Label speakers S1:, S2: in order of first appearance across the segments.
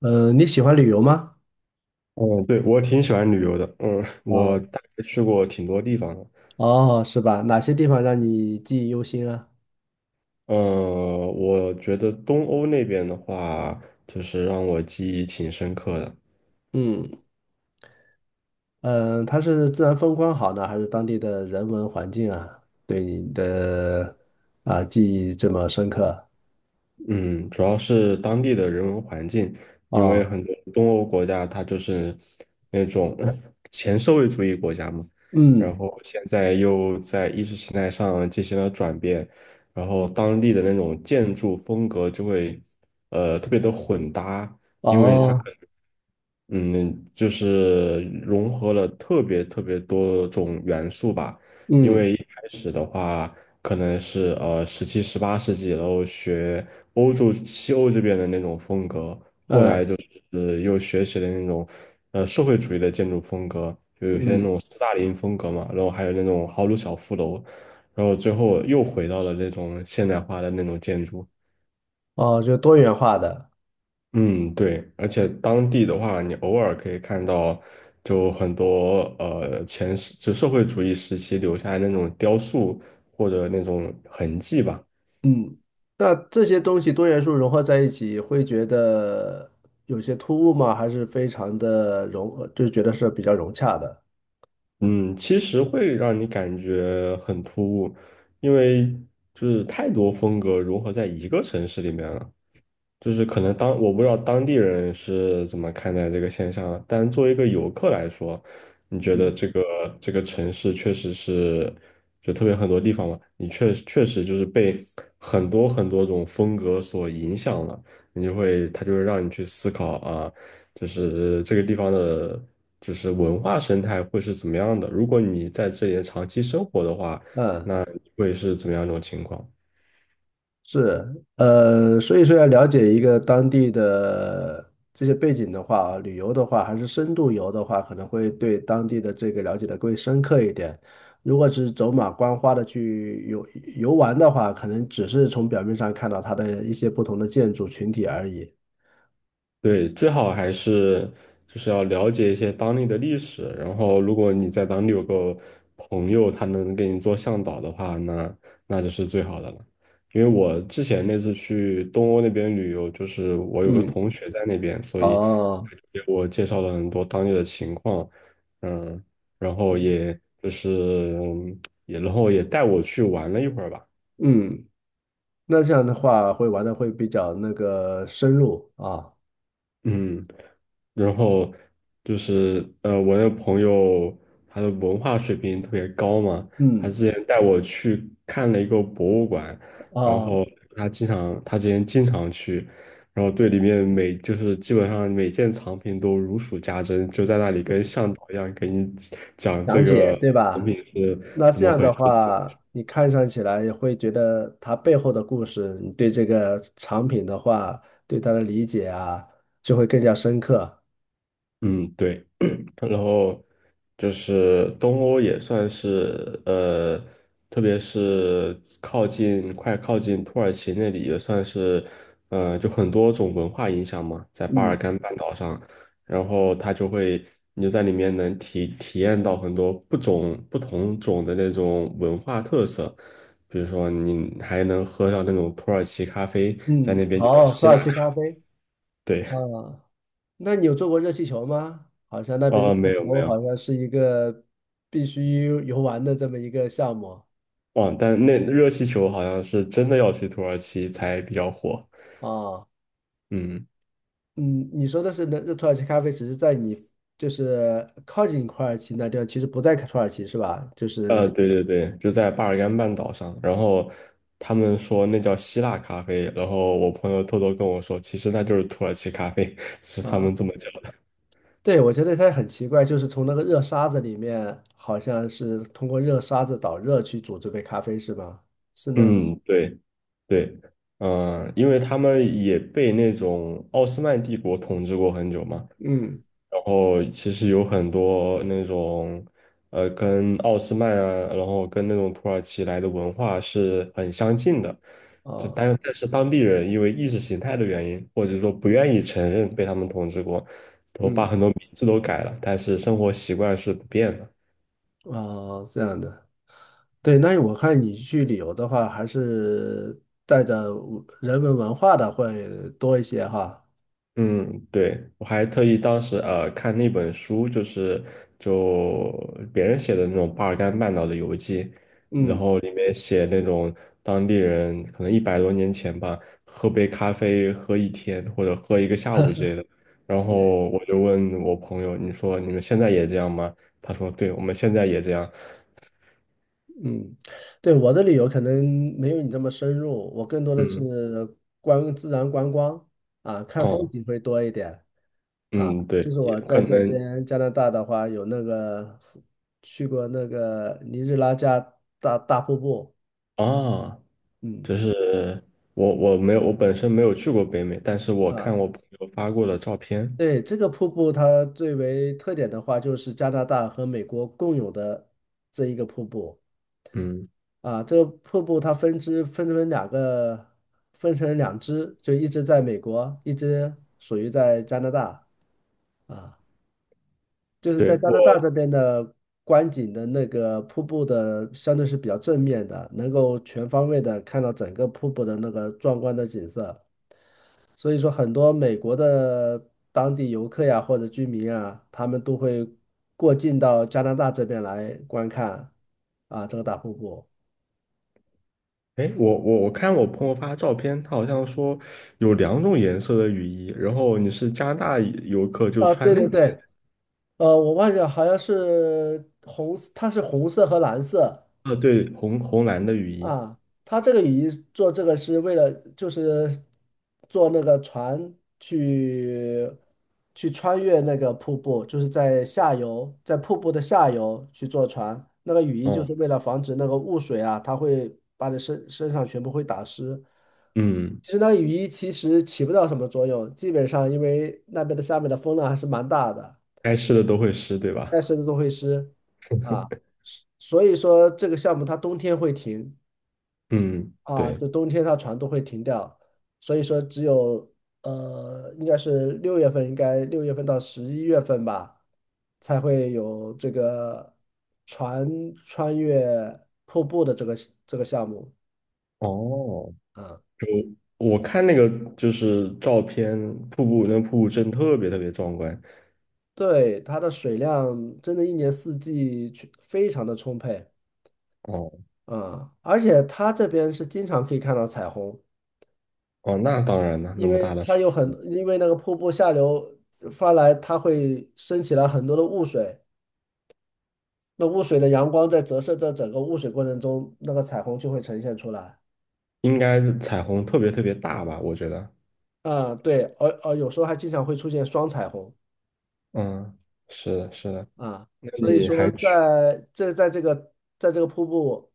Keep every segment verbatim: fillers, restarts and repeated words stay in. S1: 嗯，你喜欢旅游吗？
S2: 嗯，对，我挺喜欢旅游的。嗯，我
S1: 啊，
S2: 大概去过挺多地方的。
S1: 哦，是吧？哪些地方让你记忆犹新啊？
S2: 呃，我觉得东欧那边的话，就是让我记忆挺深刻的。
S1: 嗯嗯，呃它是自然风光好呢，还是当地的人文环境啊，对你的啊记忆这么深刻
S2: 嗯，主要是当地的人文环境，因为
S1: 啊？
S2: 很多东欧国家它就是那种 前社会主义国家嘛，然
S1: 嗯，
S2: 后现在又在意识形态上进行了转变，然后当地的那种建筑风格就会呃特别的混搭。因为它。
S1: 哦，
S2: 嗯，就是融合了特别特别多种元素吧。因
S1: 嗯
S2: 为一开始的话，可能是呃十七、十八世纪，然后学欧洲、西欧这边的那种风格，
S1: 嗯
S2: 呃，又学习了那种呃社会主义的建筑风格，就有些那
S1: 嗯，
S2: 种斯大林风格嘛，然后还有那种豪鲁小富楼，然后最后又回到了那种现代化的那种建筑。
S1: 哦，就多元化的。
S2: 嗯，对，而且当地的话，你偶尔可以看到，就很多呃前世就社会主义时期留下来那种雕塑或者那种痕迹吧。
S1: 嗯，那这些东西多元素融合在一起，会觉得有些突兀吗？还是非常的融，就觉得是比较融洽的？
S2: 嗯，其实会让你感觉很突兀，因为就是太多风格融合在一个城市里面了。就是可能当我不知道当地人是怎么看待这个现象啊，但作为一个游客来说，你觉得这个这个城市确实是，就特别很多地方嘛，你确确实就是被很多很多种风格所影响了，你就会他就是让你去思考啊，就是这个地方的，就是文化生态会是怎么样的，如果你在这里长期生活的话，
S1: 嗯。
S2: 那你会是怎么样一种情况？
S1: 是，呃，所以说要了解一个当地的这些背景的话啊，旅游的话，还是深度游的话，可能会对当地的这个了解的更深刻一点。如果只是走马观花的去游游玩的话，可能只是从表面上看到它的一些不同的建筑群体而已。
S2: 对，最好还是就是要了解一些当地的历史，然后如果你在当地有个朋友，他能给你做向导的话，那那就是最好的了。因为我之前那次去东欧那边旅游，就是我有个
S1: 嗯，
S2: 同学在那边，所以
S1: 哦，
S2: 他就给我介绍了很多当地的情况，嗯，然后也就是嗯也然后也带我去玩了一会儿吧。
S1: 嗯，那这样的话会玩的会比较那个深入啊。
S2: 嗯，然后就是呃，我那个朋友他的文化水平特别高嘛，他
S1: 嗯，
S2: 之前带我去看了一个博物馆，然
S1: 哦，
S2: 后他经常他之前经常去，然后对里面每就是基本上每件藏品都如数家珍，就在那里跟向导一样给你讲这
S1: 讲解
S2: 个
S1: 对
S2: 藏
S1: 吧？
S2: 品是
S1: 那
S2: 怎
S1: 这
S2: 么
S1: 样
S2: 回
S1: 的
S2: 事。
S1: 话，你看上起来也会觉得它背后的故事，你对这个产品的话，对它的理解啊，就会更加深刻。
S2: 嗯，对，然后就是东欧也算是呃，特别是靠近快靠近土耳其那里，也算是呃，就很多种文化影响嘛，在巴尔
S1: 嗯
S2: 干半岛上，然后它就会你就在里面能体体验到很多不种不同种的那种文化特色，比如说你还能喝上那种土耳其咖啡，在
S1: 嗯，
S2: 那边就叫
S1: 好，土
S2: 希腊
S1: 耳其咖
S2: 咖，
S1: 啡
S2: 对，
S1: 啊，那你有做过热气球吗？好像那边热
S2: 哦，
S1: 气
S2: 没有没
S1: 球
S2: 有。
S1: 好像是一个必须游玩的这么一个项目
S2: 哇，但那热气球好像是真的要去土耳其才比较火。
S1: 啊。
S2: 嗯，
S1: 嗯，你说的是那那土耳其咖啡，只是在你就是靠近土耳其那地方，其实不在土耳其是吧？就
S2: 呃，
S1: 是。
S2: 对对对，就在巴尔干半岛上。然后他们说那叫希腊咖啡，然后我朋友偷偷跟我说，其实那就是土耳其咖啡，是他
S1: 啊。
S2: 们这么叫的。
S1: 对，我觉得它很奇怪，就是从那个热沙子里面，好像是通过热沙子导热去煮这杯咖啡，是吧？是那个，
S2: 嗯，对对，嗯、因为他们也被那种奥斯曼帝国统治过很久嘛，
S1: 嗯，
S2: 然后其实有很多那种，呃，跟奥斯曼啊，然后跟那种土耳其来的文化是很相近的，就
S1: 哦，
S2: 但但是当地人因为意识形态的原因，或者说不愿意承认被他们统治过，都把
S1: 嗯，
S2: 很多名字都改了，但是生活习惯是不变的。
S1: 哦，这样的。对，那我看你去旅游的话，还是带着人文文化的会多一些哈。
S2: 嗯，对，我还特意当时呃看那本书，就是就别人写的那种巴尔干半岛的游记，然
S1: 嗯，
S2: 后里面写那种当地人可能一百多年前吧，喝杯咖啡喝一天或者喝一个下午之类的。然后我就问我朋友，你说你们现在也这样吗？他说，对，我们现在也这样。
S1: 嗯，对，我的旅游可能没有你这么深入，我更多的是
S2: 嗯，
S1: 观自然观光啊，看风
S2: 哦，
S1: 景会多一点啊。
S2: 嗯，
S1: 就
S2: 对，
S1: 是
S2: 也
S1: 我
S2: 可
S1: 在这
S2: 能
S1: 边加拿大的话，有那个去过那个尼日拉加大大瀑布。
S2: 啊。
S1: 嗯
S2: 就是我我没有我本身没有去过北美，但是我看
S1: 啊，
S2: 我朋友发过的照片，
S1: 对，这个瀑布它最为特点的话，就是加拿大和美国共有的这一个瀑布。
S2: 嗯，
S1: 啊，这个瀑布它分支分成两个，分成两支，就一支在美国，一支属于在加拿大啊。就是在
S2: 对
S1: 加
S2: 我，
S1: 拿大这边的观景的那个瀑布的，相对是比较正面的，能够全方位的看到整个瀑布的那个壮观的景色。所以说，很多美国的当地游客呀或者居民啊，他们都会过境到加拿大这边来观看啊这个大瀑布。
S2: 哎，我我我看我朋友发照片，他好像说有两种颜色的雨衣，然后你是加拿大游客就
S1: 啊，
S2: 穿
S1: 对
S2: 那
S1: 对
S2: 种
S1: 对，
S2: 颜色，
S1: 呃，我忘记了，好像是红色，它是红色和蓝色
S2: 呃，对，红红蓝的雨衣，
S1: 啊。它这个雨衣做这个是为了，就是做那个船去去穿越那个瀑布，就是在下游，在瀑布的下游去坐船。那个雨衣就
S2: 哦，
S1: 是为了防止那个雾水啊，它会把你身身上全部会打湿。
S2: 嗯，
S1: 其实那雨衣其实起不到什么作用，基本上因为那边的下面的风浪还是蛮大的。
S2: 该湿的都会湿，对吧？
S1: 但是都会湿啊，所以说这个项目它冬天会停
S2: 嗯，
S1: 啊，
S2: 对。
S1: 就冬天它船都会停掉，所以说只有呃，应该是六月份，应该六月份到十一月份吧，才会有这个船穿越瀑布的这个这个项目
S2: 哦，
S1: 啊。
S2: 就我看那个就是照片，瀑布那个瀑布真的特别特别壮观。
S1: 对，它的水量真的一年四季去非常的充沛
S2: 哦
S1: 啊，而且它这边是经常可以看到彩虹。
S2: 哦，那当然了，那
S1: 因
S2: 么
S1: 为
S2: 大的
S1: 它
S2: 水
S1: 有很，因为那个瀑布下流发来，它会升起来很多的雾水，那雾水的阳光在折射的整个雾水过程中，那个彩虹就会呈现出来。
S2: 应该是彩虹特别特别大吧？我觉得，
S1: 啊、对，而而有时候还经常会出现双彩虹
S2: 嗯，是的，是的。
S1: 啊，
S2: 那
S1: 所以
S2: 你还
S1: 说
S2: 去？
S1: 在这在这个在这个瀑布，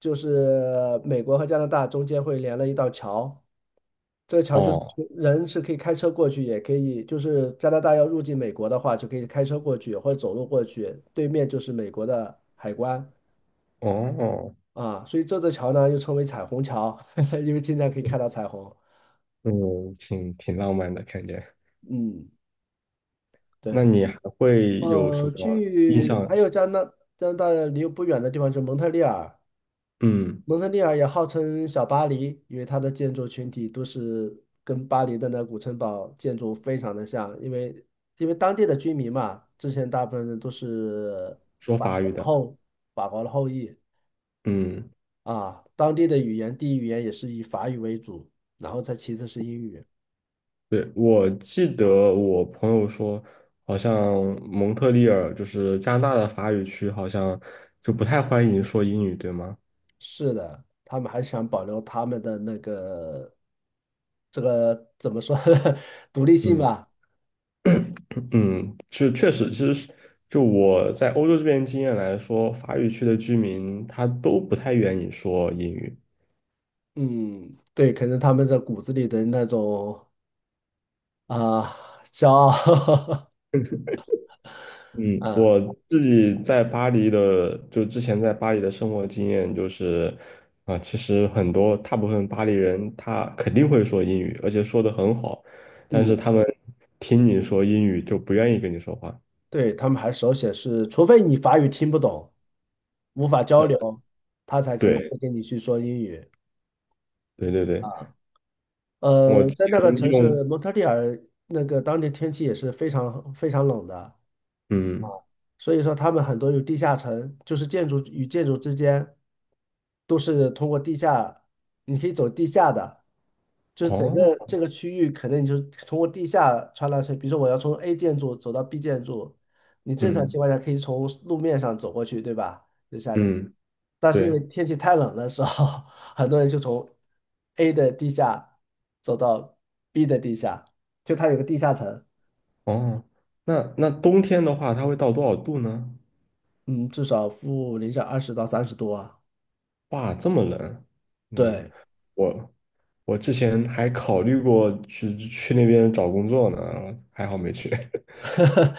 S1: 就是美国和加拿大中间会连了一道桥。这个桥就是
S2: 哦
S1: 人是可以开车过去，也可以就是加拿大要入境美国的话，就可以开车过去或者走路过去，对面就是美国的海关
S2: 哦哦，
S1: 啊，所以这座桥呢又称为彩虹桥，因为经常可以看到彩虹。
S2: 嗯，挺挺浪漫的感觉。
S1: 嗯，
S2: 那
S1: 对，
S2: 你还会有什
S1: 呃，
S2: 么印
S1: 去还
S2: 象？
S1: 有加拿加拿大离不远的地方是蒙特利尔，
S2: 嗯，
S1: 蒙特利尔也号称小巴黎，因为它的建筑群体都是跟巴黎的那古城堡建筑非常的像，因为因为当地的居民嘛，之前大部分人都是
S2: 说
S1: 法
S2: 法
S1: 国
S2: 语
S1: 的
S2: 的，
S1: 后法国的后裔
S2: 嗯，
S1: 啊，当地的语言第一语言也是以法语为主，然后再其次是英语。
S2: 对，我记得我朋友说，好像蒙特利尔就是加拿大的法语区，好像就不太欢迎说英语，对吗？
S1: 是的，他们还想保留他们的那个这个怎么说 独立性
S2: 嗯。
S1: 吧。
S2: 嗯，是确实，其实是就我在欧洲这边经验来说，法语区的居民他都不太愿意说英语。
S1: 嗯，对，可能他们的骨子里的那种啊，骄傲
S2: 嗯，
S1: 啊，
S2: 我自己在巴黎的，就之前在巴黎的生活经验就是，啊、其实很多大部分巴黎人他肯定会说英语，而且说得很好，但是
S1: 嗯，
S2: 他们听你说英语就不愿意跟你说话。
S1: 对，他们还手写是，除非你法语听不懂，无法交流，他才可能会
S2: 对，
S1: 跟你去说英语。
S2: 对对对，我
S1: 呃，
S2: 之
S1: 在那个
S2: 前
S1: 城
S2: 用，
S1: 市蒙特利尔，那个当地天气也是非常非常冷的。
S2: 嗯，
S1: 所以说他们很多有地下城，就是建筑与建筑之间都是通过地下，你可以走地下的，就是整个
S2: 哦，
S1: 这个区域可能你就通过地下穿来穿，比如说我要从 A 建筑走到 B 建筑，你正常
S2: 嗯
S1: 情况下可以从路面上走过去，对吧？就夏天，
S2: 嗯，
S1: 但是因为
S2: 对。
S1: 天气太冷的时候，很多人就从 A 的地下走到 B 的地下，就它有个地下城。
S2: 哦，那那冬天的话，它会到多少度呢？
S1: 嗯，至少负零下二十到三十度啊，
S2: 哇，这么冷。嗯，
S1: 对。
S2: 我我之前还考虑过去去那边找工作呢，还好没去。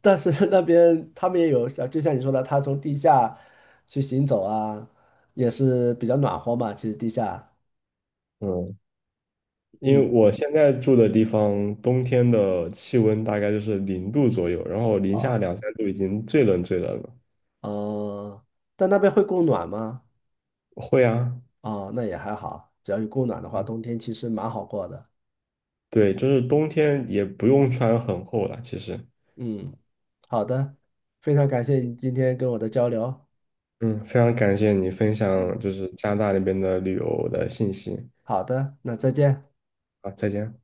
S1: 但是那边他们也有，像就像你说的，他从地下去行走啊，也是比较暖和嘛。其实地下，
S2: 嗯，因
S1: 嗯，
S2: 为我现在住的地方，冬天的气温大概就是零度左右，然后零
S1: 啊，
S2: 下两三度已经最冷最冷了。
S1: 呃，但那边会供暖吗？
S2: 会啊，
S1: 哦，那也还好，只要有供暖的话，
S2: 嗯，
S1: 冬天其实蛮好过的。
S2: 对，就是冬天也不用穿很厚了，其实。
S1: 嗯，好的，非常感谢你今天跟我的交流。
S2: 嗯，非常感谢你分享
S1: 嗯，
S2: 就是加拿大那边的旅游的信息。
S1: 好的，那再见。
S2: 好，再见。